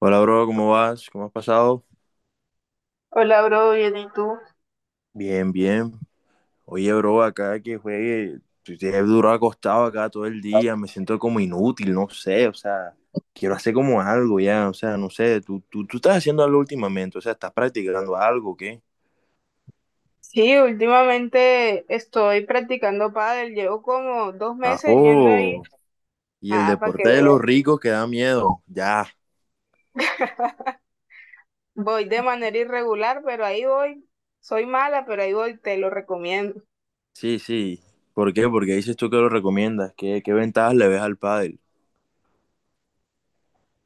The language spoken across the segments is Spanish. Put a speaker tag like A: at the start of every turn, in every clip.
A: Hola, bro, ¿cómo vas? ¿Cómo has pasado?
B: Hola, bro, bien, ¿y tú?
A: Bien. Oye, bro, acá que juegue, pues, he durado acostado acá todo el día, me siento como inútil, no sé, o sea, quiero hacer como algo ya, o sea, no sé, tú estás haciendo algo últimamente, o sea, estás practicando algo, o ¿qué?
B: Sí, últimamente estoy practicando pádel, llevo como 2 meses yendo ahí,
A: Ajo, y el
B: ah, para que
A: deporte de los
B: veas.
A: ricos que da miedo, ya,
B: Voy de manera irregular, pero ahí voy. Soy mala, pero ahí voy, te lo recomiendo.
A: sí, sí. ¿Por qué? Porque dices tú que lo recomiendas, ¿qué ventajas le ves al pádel?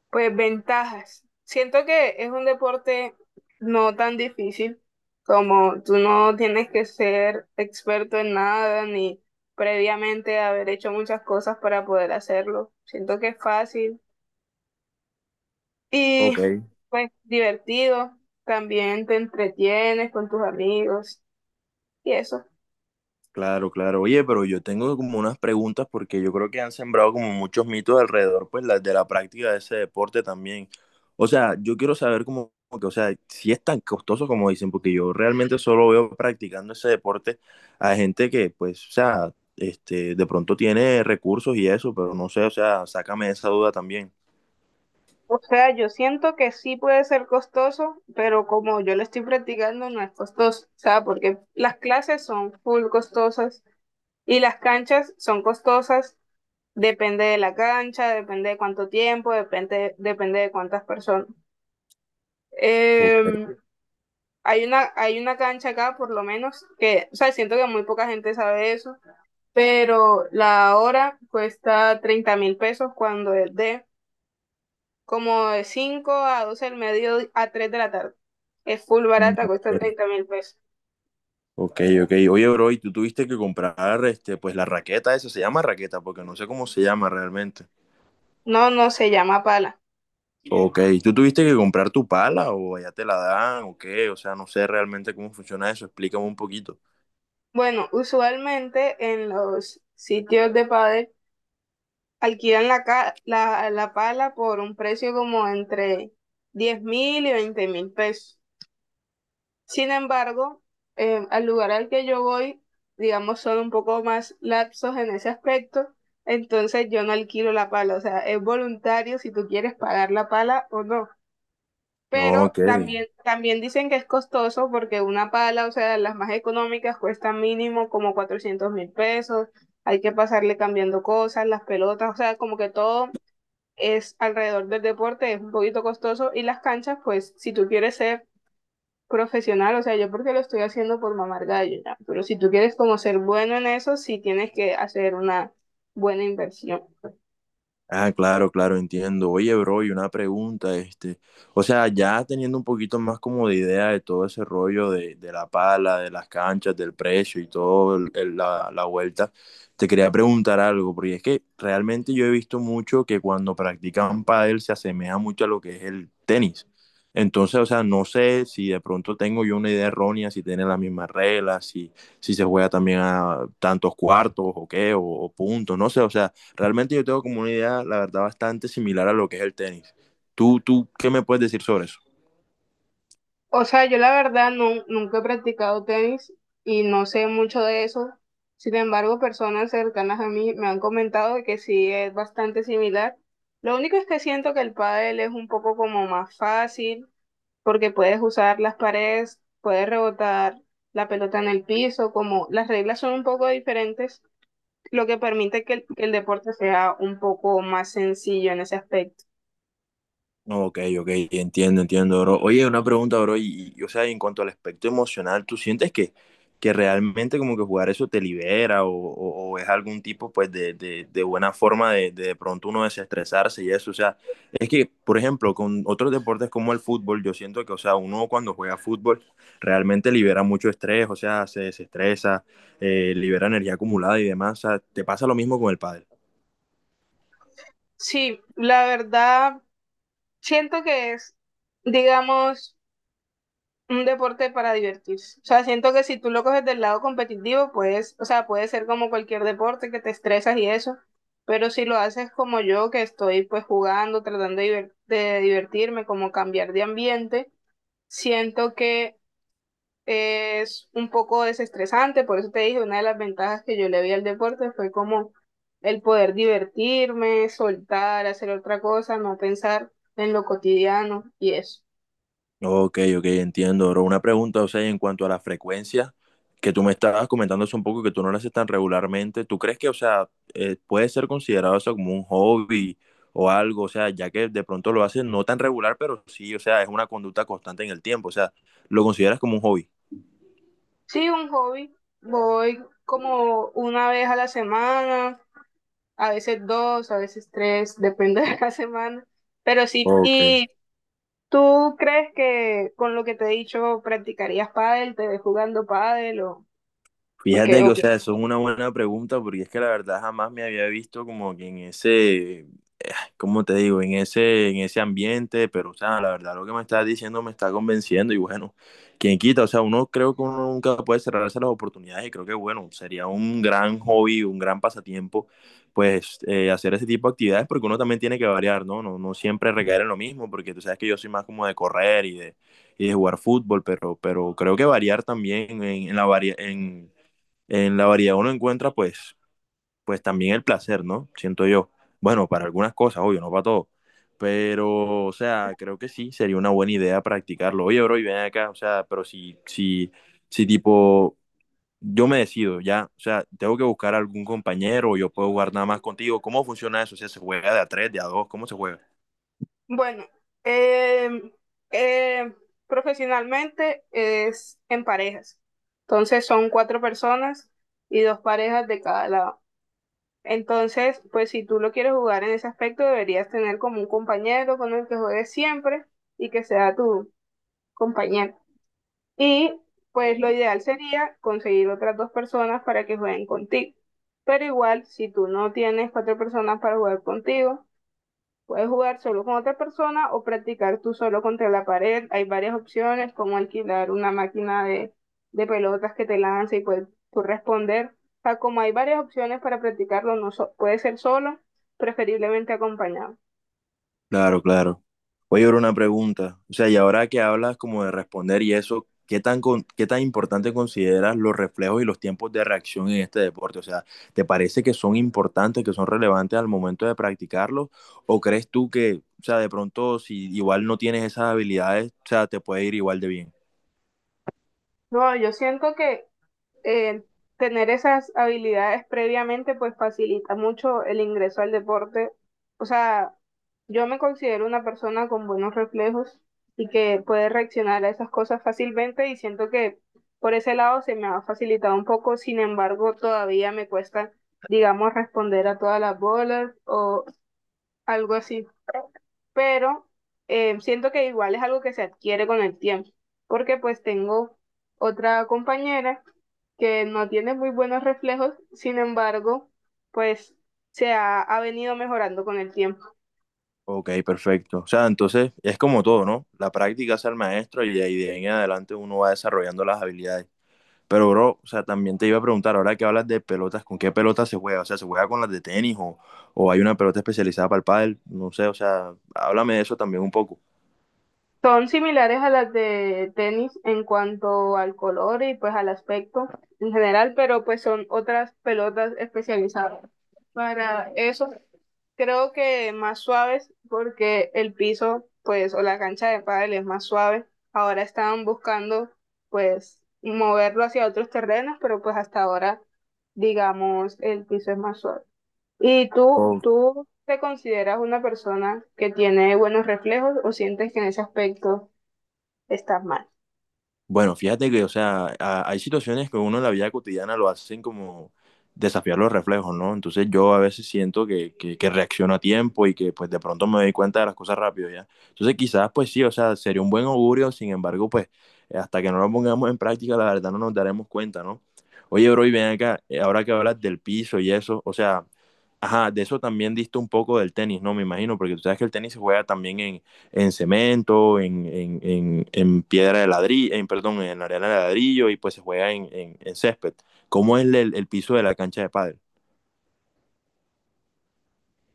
B: Pues ventajas. Siento que es un deporte no tan difícil, como tú no tienes que ser experto en nada, ni previamente haber hecho muchas cosas para poder hacerlo. Siento que es fácil y
A: Ok.
B: pues divertido, también te entretienes con tus amigos y eso.
A: Claro, claro. Oye, pero yo tengo como unas preguntas porque yo creo que han sembrado como muchos mitos alrededor, pues, de la práctica de ese deporte también. O sea, yo quiero saber como que, o sea, si es tan costoso como dicen, porque yo realmente solo veo practicando ese deporte a gente que, pues, o sea, este, de pronto tiene recursos y eso, pero no sé, o sea, sácame esa duda también.
B: O sea, yo siento que sí puede ser costoso, pero como yo lo estoy practicando no es costoso, o sea, porque las clases son full costosas y las canchas son costosas, depende de la cancha, depende de cuánto tiempo, depende, depende de cuántas personas.
A: Ok,
B: Em, hay una cancha acá, por lo menos, que, o sea, siento que muy poca gente sabe eso, pero la hora cuesta 30.000 pesos cuando es de como de 5 a 12 del medio a 3 de la tarde. Es full barata, cuesta
A: ok,
B: 30.000 pesos.
A: ok. Ok. Oye, bro, y tú tuviste que comprar, este, pues, la raqueta, esa se llama raqueta, porque no sé cómo se llama realmente.
B: No, no se llama pala.
A: Ok, ¿tú tuviste que comprar tu pala o allá te la dan o qué? O sea, no sé realmente cómo funciona eso, explícame un poquito.
B: Bueno, usualmente en los sitios de pádel alquilan la pala por un precio como entre 10.000 y 20.000 pesos. Sin embargo, al lugar al que yo voy, digamos, son un poco más laxos en ese aspecto, entonces yo no alquilo la pala, o sea, es voluntario si tú quieres pagar la pala o no. Pero
A: Ok.
B: también dicen que es costoso porque una pala, o sea, las más económicas cuesta mínimo como 400.000 pesos, hay que pasarle cambiando cosas, las pelotas, o sea, como que todo es alrededor del deporte, es un poquito costoso y las canchas, pues si tú quieres ser profesional, o sea, yo porque lo estoy haciendo por mamar gallo, ya. Pero si tú quieres como ser bueno en eso, sí tienes que hacer una buena inversión.
A: Ah, claro, claro, entiendo. Oye, bro, y una pregunta, este, o sea, ya teniendo un poquito más como de idea de todo ese rollo de la pala, de las canchas, del precio y todo la vuelta, te quería preguntar algo, porque es que realmente yo he visto mucho que cuando practican pádel se asemeja mucho a lo que es el tenis. Entonces, o sea, no sé si de pronto tengo yo una idea errónea, si tienen las mismas reglas, si, si se juega también a tantos cuartos o qué, o puntos, no sé, o sea. Realmente yo tengo como una idea, la verdad, bastante similar a lo que es el tenis. ¿Tú qué me puedes decir sobre eso?
B: O sea, yo la verdad no, nunca he practicado tenis y no sé mucho de eso. Sin embargo, personas cercanas a mí me han comentado que sí es bastante similar. Lo único es que siento que el pádel es un poco como más fácil porque puedes usar las paredes, puedes rebotar la pelota en el piso, como las reglas son un poco diferentes, lo que permite que el deporte sea un poco más sencillo en ese aspecto.
A: Ok, ok, entiendo, bro. Oye, una pregunta, bro, y, o sea, en cuanto al aspecto emocional, ¿tú sientes que realmente como que jugar eso te libera o, o es algún tipo, pues, de buena forma de de pronto uno desestresarse y eso? O sea, es que, por ejemplo, con otros deportes como el fútbol, yo siento que, o sea, uno cuando juega fútbol realmente libera mucho estrés, o sea, se desestresa, libera energía acumulada y demás. O sea, ¿te pasa lo mismo con el pádel?
B: Sí, la verdad, siento que es, digamos, un deporte para divertirse. O sea, siento que si tú lo coges del lado competitivo, pues, o sea, puede ser como cualquier deporte que te estresas y eso, pero si lo haces como yo, que estoy pues jugando, tratando de divertirme, como cambiar de ambiente, siento que es un poco desestresante, por eso te dije, una de las ventajas que yo le vi al deporte fue como el poder divertirme, soltar, hacer otra cosa, no pensar en lo cotidiano y eso.
A: Ok, ok, entiendo, bro. Una pregunta, o sea, en cuanto a la frecuencia que tú me estabas comentando hace un poco que tú no lo haces tan regularmente, ¿tú crees que, o sea, puede ser considerado eso como un hobby o algo? O sea, ya que de pronto lo haces no tan regular, pero sí, o sea, es una conducta constante en el tiempo, o sea, ¿lo consideras como un hobby?
B: Sí, un hobby, voy como una vez a la semana, a veces dos, a veces tres, depende de la semana, pero sí,
A: Ok.
B: y. ¿Tú, crees que con lo que te he dicho practicarías pádel, te ves jugando pádel, o qué
A: Fíjate que, o
B: opinas?
A: sea, eso es una buena pregunta porque es que la verdad jamás me había visto como que en ese como te digo, en ese ambiente, pero, o sea, la verdad, lo que me estás diciendo me está convenciendo y bueno, quien quita, o sea, uno creo que uno nunca puede cerrarse las oportunidades y creo que, bueno, sería un gran hobby, un gran pasatiempo, pues, hacer ese tipo de actividades porque uno también tiene que variar, ¿no? No, no siempre recaer en lo mismo porque tú sabes que yo soy más como de correr y de jugar fútbol, pero creo que variar también en la varia en la variedad uno encuentra pues también el placer, ¿no? Siento yo. Bueno, para algunas cosas, obvio, no para todo. Pero, o sea, creo que sí, sería una buena idea practicarlo. Oye, bro, y ven acá, o sea, pero si tipo, yo me decido, ya, o sea, tengo que buscar algún compañero, o yo puedo jugar nada más contigo. ¿Cómo funciona eso? O sea, ¿se juega de a tres, de a dos? ¿Cómo se juega?
B: Bueno, eh, eh, profesionalmente es en parejas. Entonces son cuatro personas y dos parejas de cada lado. Entonces, pues si tú lo quieres jugar en ese aspecto, deberías tener como un compañero con el que juegues siempre y que sea tu compañero. Y pues lo ideal sería conseguir otras dos personas para que jueguen contigo. Pero igual, si tú no tienes cuatro personas para jugar contigo, puedes jugar solo con otra persona o practicar tú solo contra la pared. Hay varias opciones, como alquilar una máquina de pelotas que te lanza y puedes tú responder. O sea, como hay varias opciones para practicarlo, no so- puede ser solo, preferiblemente acompañado.
A: Claro, claro. Oye, ahora una pregunta. O sea, y ahora que hablas como de responder y eso, ¿qué tan importante consideras los reflejos y los tiempos de reacción en este deporte? O sea, ¿te parece que son importantes, que son relevantes al momento de practicarlos? ¿O crees tú que, o sea, de pronto si igual no tienes esas habilidades, o sea, te puede ir igual de bien?
B: No, yo siento que eh, tener esas habilidades previamente pues facilita mucho el ingreso al deporte. O sea, yo me considero una persona con buenos reflejos y que puede reaccionar a esas cosas fácilmente, y siento que por ese lado se me ha facilitado un poco. Sin embargo, todavía me cuesta, digamos, responder a todas las bolas o algo así. Pero siento que igual es algo que se adquiere con el tiempo, porque pues tengo otra compañera que no tiene muy buenos reflejos. Sin embargo, pues se ha venido mejorando con el tiempo.
A: Ok, perfecto. O sea, entonces es como todo, ¿no? La práctica es el maestro y de ahí en adelante uno va desarrollando las habilidades. Pero, bro, o sea, también te iba a preguntar, ahora que hablas de pelotas, ¿con qué pelotas se juega? O sea, ¿se juega con las de tenis o hay una pelota especializada para el pádel? No sé, o sea, háblame de eso también un poco.
B: Son similares a las de tenis en cuanto al color y pues al aspecto en general, pero pues son otras pelotas especializadas para eso, creo que más suaves porque el piso, pues, o la cancha de pádel es más suave. Ahora estaban buscando, pues, moverlo hacia otros terrenos, pero pues hasta ahora, digamos, el piso es más suave. ¿Y tú te consideras una persona que tiene buenos reflejos o sientes que en ese aspecto estás mal?
A: Bueno, fíjate que, o sea, hay situaciones que uno en la vida cotidiana lo hacen como desafiar los reflejos, ¿no? Entonces yo a veces siento que reacciono a tiempo y que pues de pronto me doy cuenta de las cosas rápido, ¿ya? Entonces quizás pues sí, o sea, sería un buen augurio, sin embargo, pues hasta que no lo pongamos en práctica, la verdad no nos daremos cuenta, ¿no? Oye, bro, y ven acá, ahora que hablas del piso y eso, o sea, ajá, de eso también diste un poco del tenis, ¿no? Me imagino, porque tú sabes que el tenis se juega también en cemento, en piedra de ladrillo, en, perdón, en arena de ladrillo y pues se juega en, en césped. ¿Cómo es el piso de la cancha de pádel?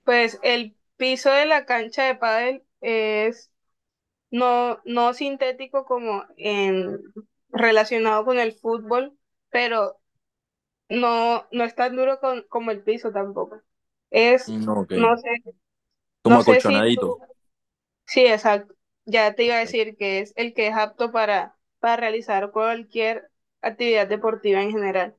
B: Pues el piso de la cancha de pádel es, no, no sintético como en, relacionado con el fútbol, pero no, no es tan duro como el piso tampoco. Es,
A: No, ok.
B: no sé,
A: Como
B: no sé si tú,
A: acolchonadito.
B: sí, exacto, ya te iba a
A: Ok.
B: decir que es el que es apto para realizar cualquier actividad deportiva en general.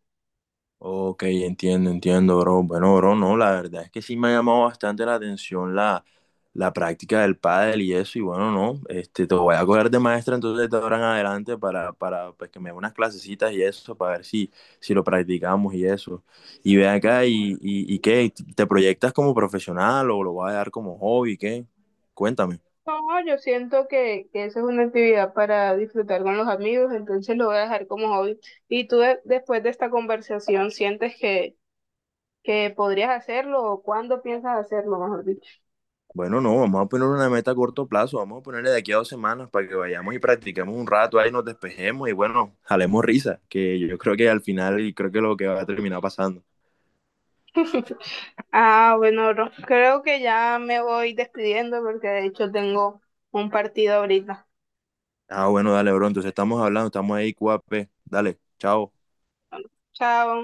A: Ok, entiendo, entiendo, bro. Bueno, bro, no, la verdad es que sí me ha llamado bastante la atención la, la práctica del pádel y eso, y bueno, no, este, te voy a coger de maestra entonces de ahora en adelante para pues, que me dé unas clasecitas y eso, para ver si, si lo practicamos y eso. Y ve acá, y qué, ¿te proyectas como profesional o lo vas a dar como hobby, qué? Cuéntame.
B: No, yo siento que eso es una actividad para disfrutar con los amigos, entonces lo voy a dejar como hobby. ¿Y tú después de esta conversación sientes que podrías hacerlo, o cuándo piensas hacerlo, mejor dicho?
A: Bueno, no, vamos a poner una meta a corto plazo, vamos a ponerle de aquí a 2 semanas para que vayamos y practiquemos un rato ahí, nos despejemos y bueno, jalemos risa, que yo creo que al final y creo que es lo que va a terminar pasando.
B: Ah, bueno, creo que ya me voy despidiendo porque de hecho tengo un partido ahorita.
A: Ah, bueno, dale, bro, entonces estamos hablando, estamos ahí, QAP, dale, chao.
B: Chao.